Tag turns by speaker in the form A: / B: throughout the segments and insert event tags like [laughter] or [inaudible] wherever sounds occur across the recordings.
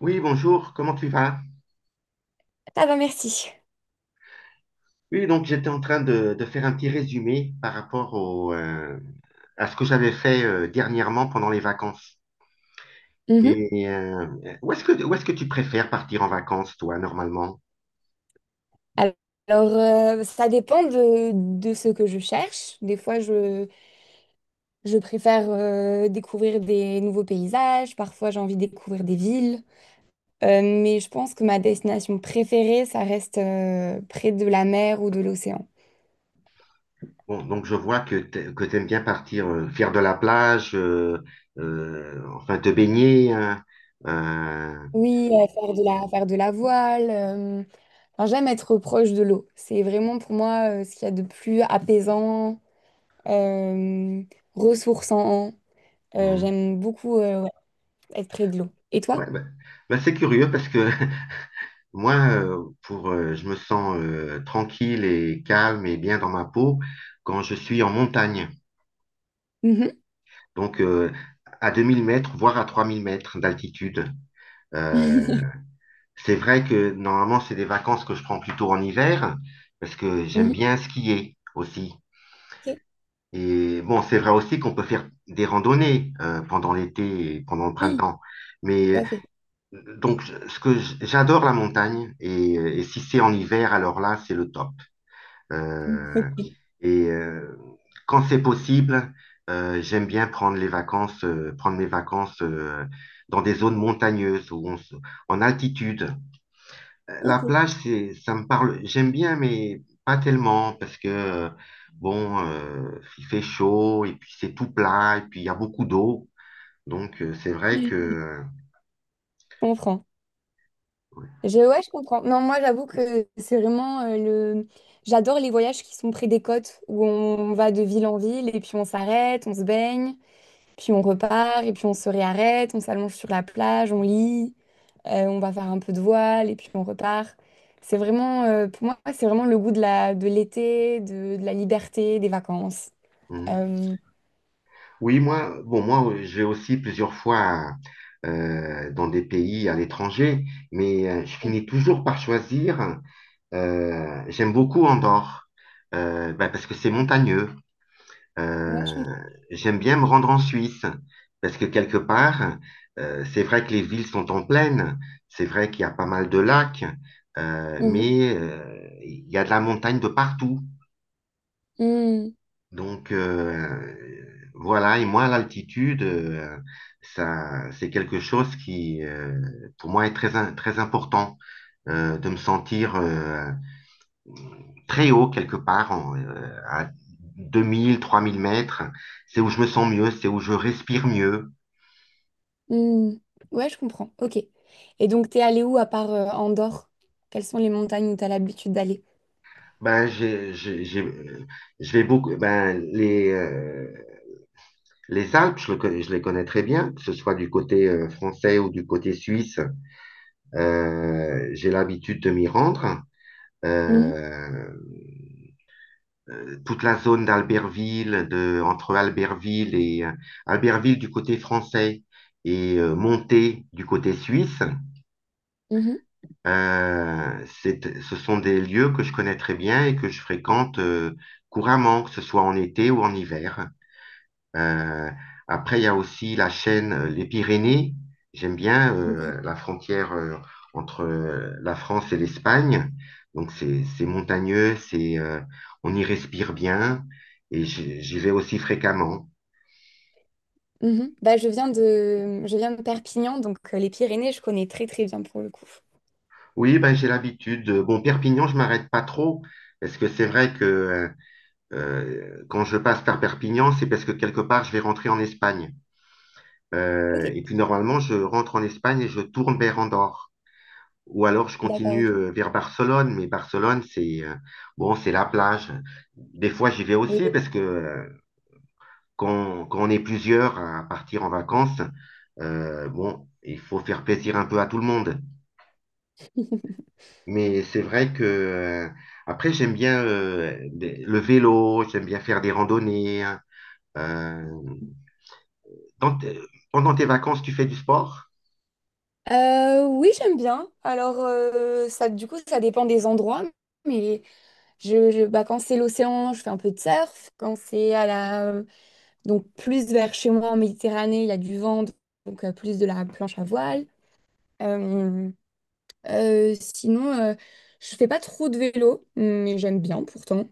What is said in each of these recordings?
A: Oui, bonjour, comment tu vas?
B: Ah bah merci.
A: Oui, donc j'étais en train de faire un petit résumé par rapport au, à ce que j'avais fait dernièrement pendant les vacances.
B: Mhm.
A: Et euh, où est-ce que tu préfères partir en vacances, toi, normalement?
B: Alors, ça dépend de ce que je cherche. Des fois, je préfère découvrir des nouveaux paysages. Parfois, j'ai envie de découvrir des villes. Mais je pense que ma destination préférée, ça reste près de la mer ou de l'océan.
A: Bon, donc je vois que tu que t'aimes bien partir faire de la plage, enfin te baigner, hein. euh,
B: Oui, faire de la voile. Enfin, j'aime être proche de l'eau. C'est vraiment pour moi ce qu'il y a de plus apaisant, euh, ressourçant.
A: hmm.
B: J'aime beaucoup. Ouais, être près de l'eau. Et toi?
A: Ouais, bah, bah, c'est curieux parce que [laughs] Moi, je me sens tranquille et calme et bien dans ma peau quand je suis en montagne.
B: Mhm.
A: Donc, à 2000 mètres, voire à 3000 mètres d'altitude. Euh,
B: [laughs]
A: c'est vrai que normalement, c'est des vacances que je prends plutôt en hiver parce que j'aime
B: Mhm.
A: bien skier aussi.
B: Ok.
A: Et bon, c'est vrai aussi qu'on peut faire des randonnées pendant l'été et pendant le
B: Oui,
A: printemps.
B: tout
A: Mais
B: à fait.
A: J'adore la montagne et si c'est en hiver, alors là, c'est le top. Euh,
B: [laughs]
A: et euh, Quand c'est possible, j'aime bien prendre mes vacances dans des zones montagneuses en altitude. La
B: Ok. Ok.
A: plage, ça me parle. J'aime bien, mais pas tellement parce que bon, il fait chaud et puis c'est tout plat et puis il y a beaucoup d'eau. Donc c'est vrai
B: Je
A: que
B: comprends. Je, ouais, je comprends. Non, moi, j'avoue que c'est vraiment le. J'adore les voyages qui sont près des côtes, où on va de ville en ville et puis on s'arrête, on se baigne, puis on repart et puis on se réarrête, on s'allonge sur la plage, on lit, on va faire un peu de voile et puis on repart. C'est vraiment, pour moi, c'est vraiment le goût de de l'été, de la liberté, des vacances.
A: euh,
B: Euh,
A: oui, moi, bon, moi, je vais aussi plusieurs fois dans des pays à l'étranger, mais je finis toujours par choisir. J'aime beaucoup Andorre, bah, parce que c'est montagneux.
B: ouais, je
A: Euh, J'aime bien me rendre en Suisse, parce que quelque part, c'est vrai que les villes sont en plaine, c'est vrai qu'il y a pas mal de lacs,
B: Mhm.
A: mais il y a de la montagne de partout.
B: Mhm.
A: Donc voilà, et moi, l'altitude, ça, c'est quelque chose qui, pour moi, est très important de me sentir très haut quelque part, à 2000, 3000 mètres. C'est où je me sens mieux, c'est où je respire mieux.
B: Mhm. Ouais, je comprends. Ok. Et donc, t'es allé où à part Andorre? Quelles sont les montagnes où t'as l'habitude d'aller?
A: Ben, je vais beaucoup, ben, les Alpes, je les connais très bien, que ce soit du côté français ou du côté suisse. J'ai l'habitude de m'y rendre.
B: Mhm.
A: euh, Toute la zone d'Albertville, entre Albertville et Albertville du côté français et Monté du côté suisse.
B: Mhm.
A: Ce sont des lieux que je connais très bien et que je fréquente couramment, que ce soit en été ou en hiver. Euh, Après, il y a aussi la chaîne Les Pyrénées. J'aime bien
B: Mhm.
A: la frontière entre la France et l'Espagne. Donc, c'est montagneux, c'est on y respire bien et j'y vais aussi fréquemment.
B: Mhm. Bah, je viens de Perpignan, donc les Pyrénées, je connais très très bien pour le coup.
A: Oui, ben, j'ai l'habitude. Bon, Perpignan, je m'arrête pas trop parce que c'est vrai que quand je passe par Perpignan, c'est parce que quelque part, je vais rentrer en Espagne.
B: Ok,
A: Et puis, normalement, je rentre en Espagne et je tourne vers Andorre. Ou alors je
B: d'accord,
A: continue
B: ok.
A: vers Barcelone, mais Barcelone, c'est bon, c'est la plage. Des fois, j'y vais
B: Oui,
A: aussi
B: oui,
A: parce que quand on est plusieurs à partir en vacances, bon, il faut faire plaisir un peu à tout le monde. Mais c'est vrai que après, j'aime bien le vélo, j'aime bien faire des randonnées, hein. Euh, dans tes- Pendant tes vacances, tu fais du sport?
B: Oui, j'aime bien. Alors, ça, du coup, ça dépend des endroits. Mais bah, quand c'est l'océan, je fais un peu de surf. Quand c'est à la donc plus vers chez moi en Méditerranée, il y a du vent, donc plus de la planche à voile. Euh, Sinon, je fais pas trop de vélo, mais j'aime bien pourtant.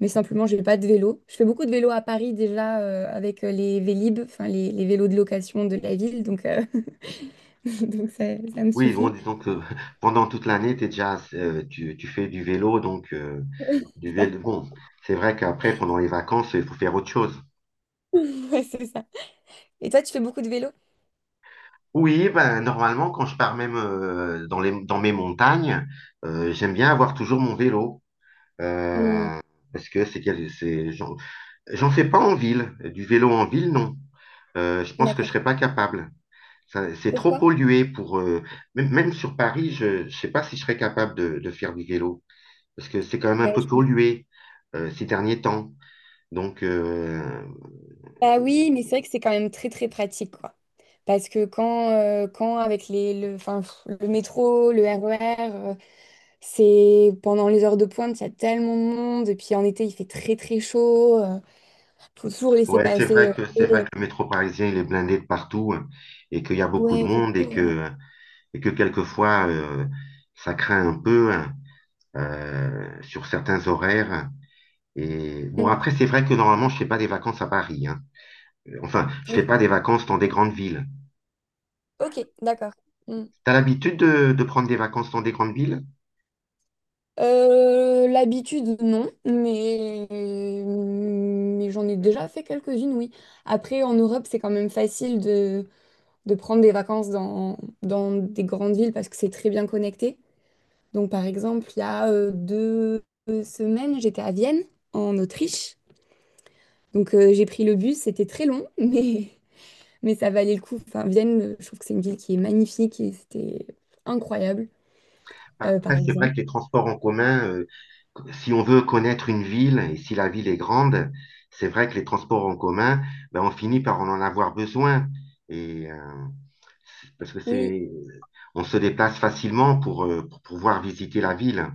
B: Mais simplement, j'ai pas de vélo. Je fais beaucoup de vélo à Paris déjà avec les Vélib, enfin les vélos de location de la ville, donc, [laughs] donc ça me
A: Oui, bon,
B: suffit.
A: disons
B: [laughs]
A: que [laughs] pendant toute l'année, t'es déjà, tu fais du vélo, donc
B: Oui,
A: du
B: c'est ça.
A: vélo. Bon, c'est vrai qu'après, pendant les vacances, il faut faire autre chose.
B: Ouais, c'est ça. Et toi, tu fais beaucoup de vélo?
A: Oui, ben, normalement, quand je pars même dans mes montagnes, j'aime bien avoir toujours mon vélo.
B: Hmm,
A: Euh, Parce que c'est, quel- c'est, j'en, j'en fais pas en ville. Du vélo en ville, non. Je pense que je
B: d'accord.
A: serais pas capable. C'est trop
B: Pourquoi?
A: pollué pour. Même, même sur Paris, je ne sais pas si je serais capable de faire du vélo. Parce que c'est quand même un
B: Ouais,
A: peu
B: je
A: pollué ces derniers temps. Donc,
B: bah oui, mais c'est vrai que c'est quand même très très pratique, quoi. Parce que quand, quand avec enfin, pff, le métro, le RER, c'est pendant les heures de pointe, il y a tellement de monde. Et puis en été, il fait très très chaud. Faut toujours laisser
A: ouais, c'est
B: passer.
A: vrai que c'est vrai que le
B: Euh,
A: métro parisien il est blindé de partout, hein, et qu'il y a beaucoup de
B: ouais, faut
A: monde et
B: toujours,
A: que et que quelquefois ça craint un peu, hein, sur certains horaires. Et bon,
B: mm,
A: après c'est vrai que normalement je fais pas des vacances à Paris, hein. Enfin, je fais pas
B: oui.
A: des vacances dans des grandes villes.
B: Ok, d'accord. Mm.
A: T'as l'habitude de prendre des vacances dans des grandes villes?
B: L'habitude, non, mais j'en ai déjà fait quelques-unes, oui. Après, en Europe, c'est quand même facile de prendre des vacances dans, dans des grandes villes parce que c'est très bien connecté. Donc, par exemple, il y a 2 semaines, j'étais à Vienne, en Autriche. Donc, j'ai pris le bus, c'était très long, [laughs] mais ça valait le coup. Enfin, Vienne, je trouve que c'est une ville qui est magnifique et c'était incroyable,
A: Bah,
B: par
A: après, c'est vrai
B: exemple.
A: que les transports en commun, si on veut connaître une ville et si la ville est grande, c'est vrai que les transports en commun, ben, on finit par en avoir besoin. Et euh, Parce que
B: Oui,
A: on se déplace facilement pour pouvoir visiter la ville.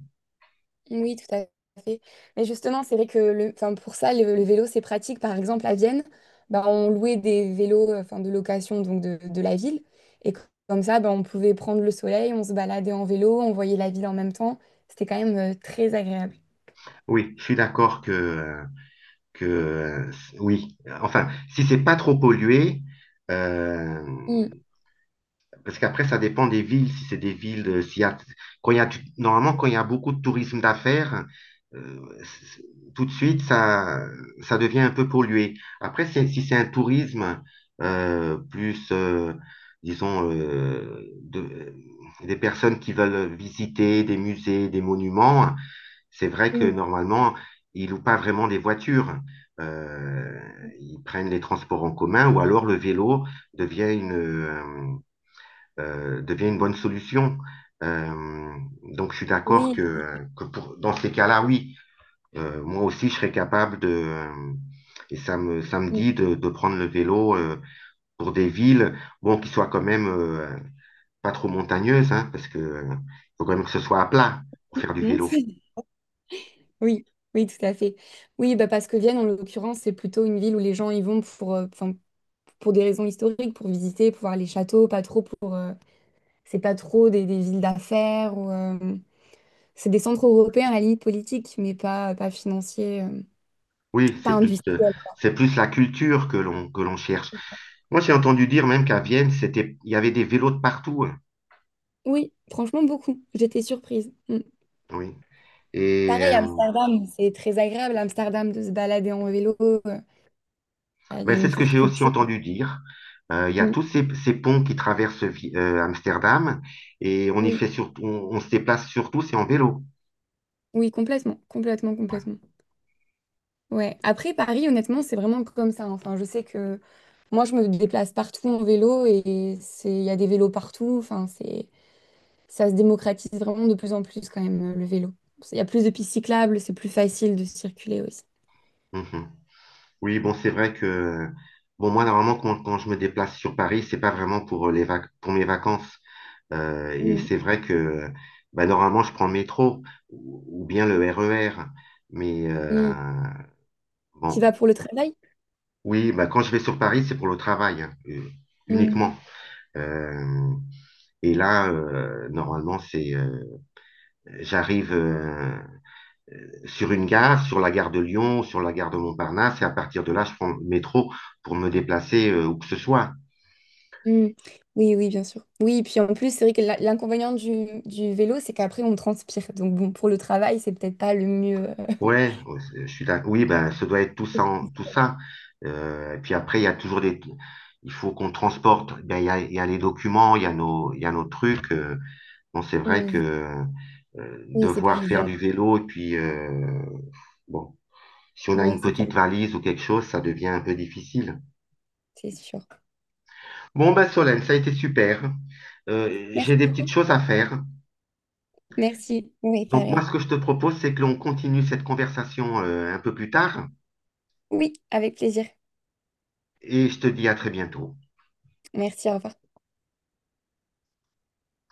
B: oui, tout à fait. Mais justement, c'est vrai que le, enfin, pour ça, le vélo, c'est pratique. Par exemple, à Vienne, ben, on louait des vélos enfin, de location donc de la ville. Et comme ça, ben, on pouvait prendre le soleil, on se baladait en vélo, on voyait la ville en même temps. C'était quand même très agréable.
A: Oui, je suis d'accord que oui, enfin, si c'est pas trop pollué. euh,
B: Mm.
A: Parce qu'après, ça dépend des villes. Si c'est des villes, s'il y a, quand il y a du- normalement, quand il y a beaucoup de tourisme d'affaires, euh, c- tout de suite, ça devient un peu pollué. Après, si c'est un tourisme plus, disons, des personnes qui veulent visiter des musées, des monuments, c'est vrai que
B: Mm.
A: normalement, ils louent pas vraiment des voitures. Euh, Ils prennent les transports en commun ou alors le vélo devient une, euh, devient une bonne solution. Euh, donc, je suis d'accord
B: Oui,
A: que dans ces cas-là, oui, moi aussi, je serais capable et ça me dit de prendre le vélo pour des villes, bon, qui soient quand même pas trop montagneuses, hein, parce que faut quand même que ce soit à plat pour faire du
B: mm.
A: vélo.
B: [laughs] Oui, oui, tout à fait. Oui, bah parce que Vienne, en l'occurrence, c'est plutôt une ville où les gens y vont pour, 'fin, pour des raisons historiques, pour visiter, pour voir les châteaux, pas trop pour. C'est pas trop des villes d'affaires ou. C'est des centres européens à la limite politique, mais pas, pas financiers,
A: Oui,
B: pas industriels.
A: c'est plus la culture que l'on cherche. Moi, j'ai entendu dire même qu'à Vienne, il y avait des vélos de partout, hein.
B: Oui, franchement, beaucoup. J'étais surprise. Mm.
A: Oui. Et,
B: Pareil,
A: euh,
B: Amsterdam, c'est très agréable, Amsterdam, de se balader en vélo. Il y
A: Mais
B: a
A: c'est
B: une
A: ce que
B: forte
A: j'ai aussi
B: culture.
A: entendu dire. Il y a
B: Oui,
A: tous ces ponts qui traversent Amsterdam et
B: oui,
A: on se déplace surtout, c'est en vélo.
B: oui, complètement, complètement, complètement. Ouais. Après, Paris, honnêtement, c'est vraiment comme ça. Enfin, je sais que moi, je me déplace partout en vélo et c'est, il y a des vélos partout. Enfin, c'est, ça se démocratise vraiment de plus en plus quand même, le vélo. Il y a plus de pistes cyclables, c'est plus facile de circuler aussi.
A: Mhm. Oui, bon, c'est vrai que, bon, moi, normalement, quand je me déplace sur Paris, c'est pas vraiment pour mes vacances. Et
B: Mm,
A: c'est vrai que, bah, normalement, je prends le métro ou bien le RER. Mais,
B: mm. Tu
A: bon,
B: vas pour le travail?
A: oui, bah, quand je vais sur Paris, c'est pour le travail, hein,
B: Mm,
A: uniquement. Euh, Et là, normalement, c'est j'arrive sur une gare, sur la gare de Lyon, sur la gare de Montparnasse, et à partir de là, je prends le métro pour me déplacer où que ce soit.
B: mm. Oui, oui, bien sûr. Oui, puis en plus, c'est vrai que la- l'inconvénient du vélo, c'est qu'après, on transpire. Donc, bon, pour le travail, c'est peut-être pas le mieux.
A: Ouais, ouais, oui, ben, ça doit être tout ça. Tout ça. Et puis après, il y a toujours des. Il faut qu'on transporte. Ben, il y a les documents, il y a nos trucs. Bon, c'est vrai
B: Mm.
A: que
B: Oui, c'est pas
A: devoir faire
B: l'idéal.
A: du vélo, bon, si on a
B: Oui,
A: une
B: c'est pas...
A: petite valise ou quelque chose, ça devient un peu difficile.
B: c'est sûr.
A: Bon, ben Solène, ça a été super.
B: Merci
A: J'ai des petites
B: beaucoup.
A: choses à faire.
B: Merci. Oui,
A: Donc moi,
B: pareil.
A: ce que je te propose, c'est que l'on continue cette conversation un peu plus tard
B: Oui, avec plaisir.
A: et je te dis à très bientôt.
B: Merci, au revoir.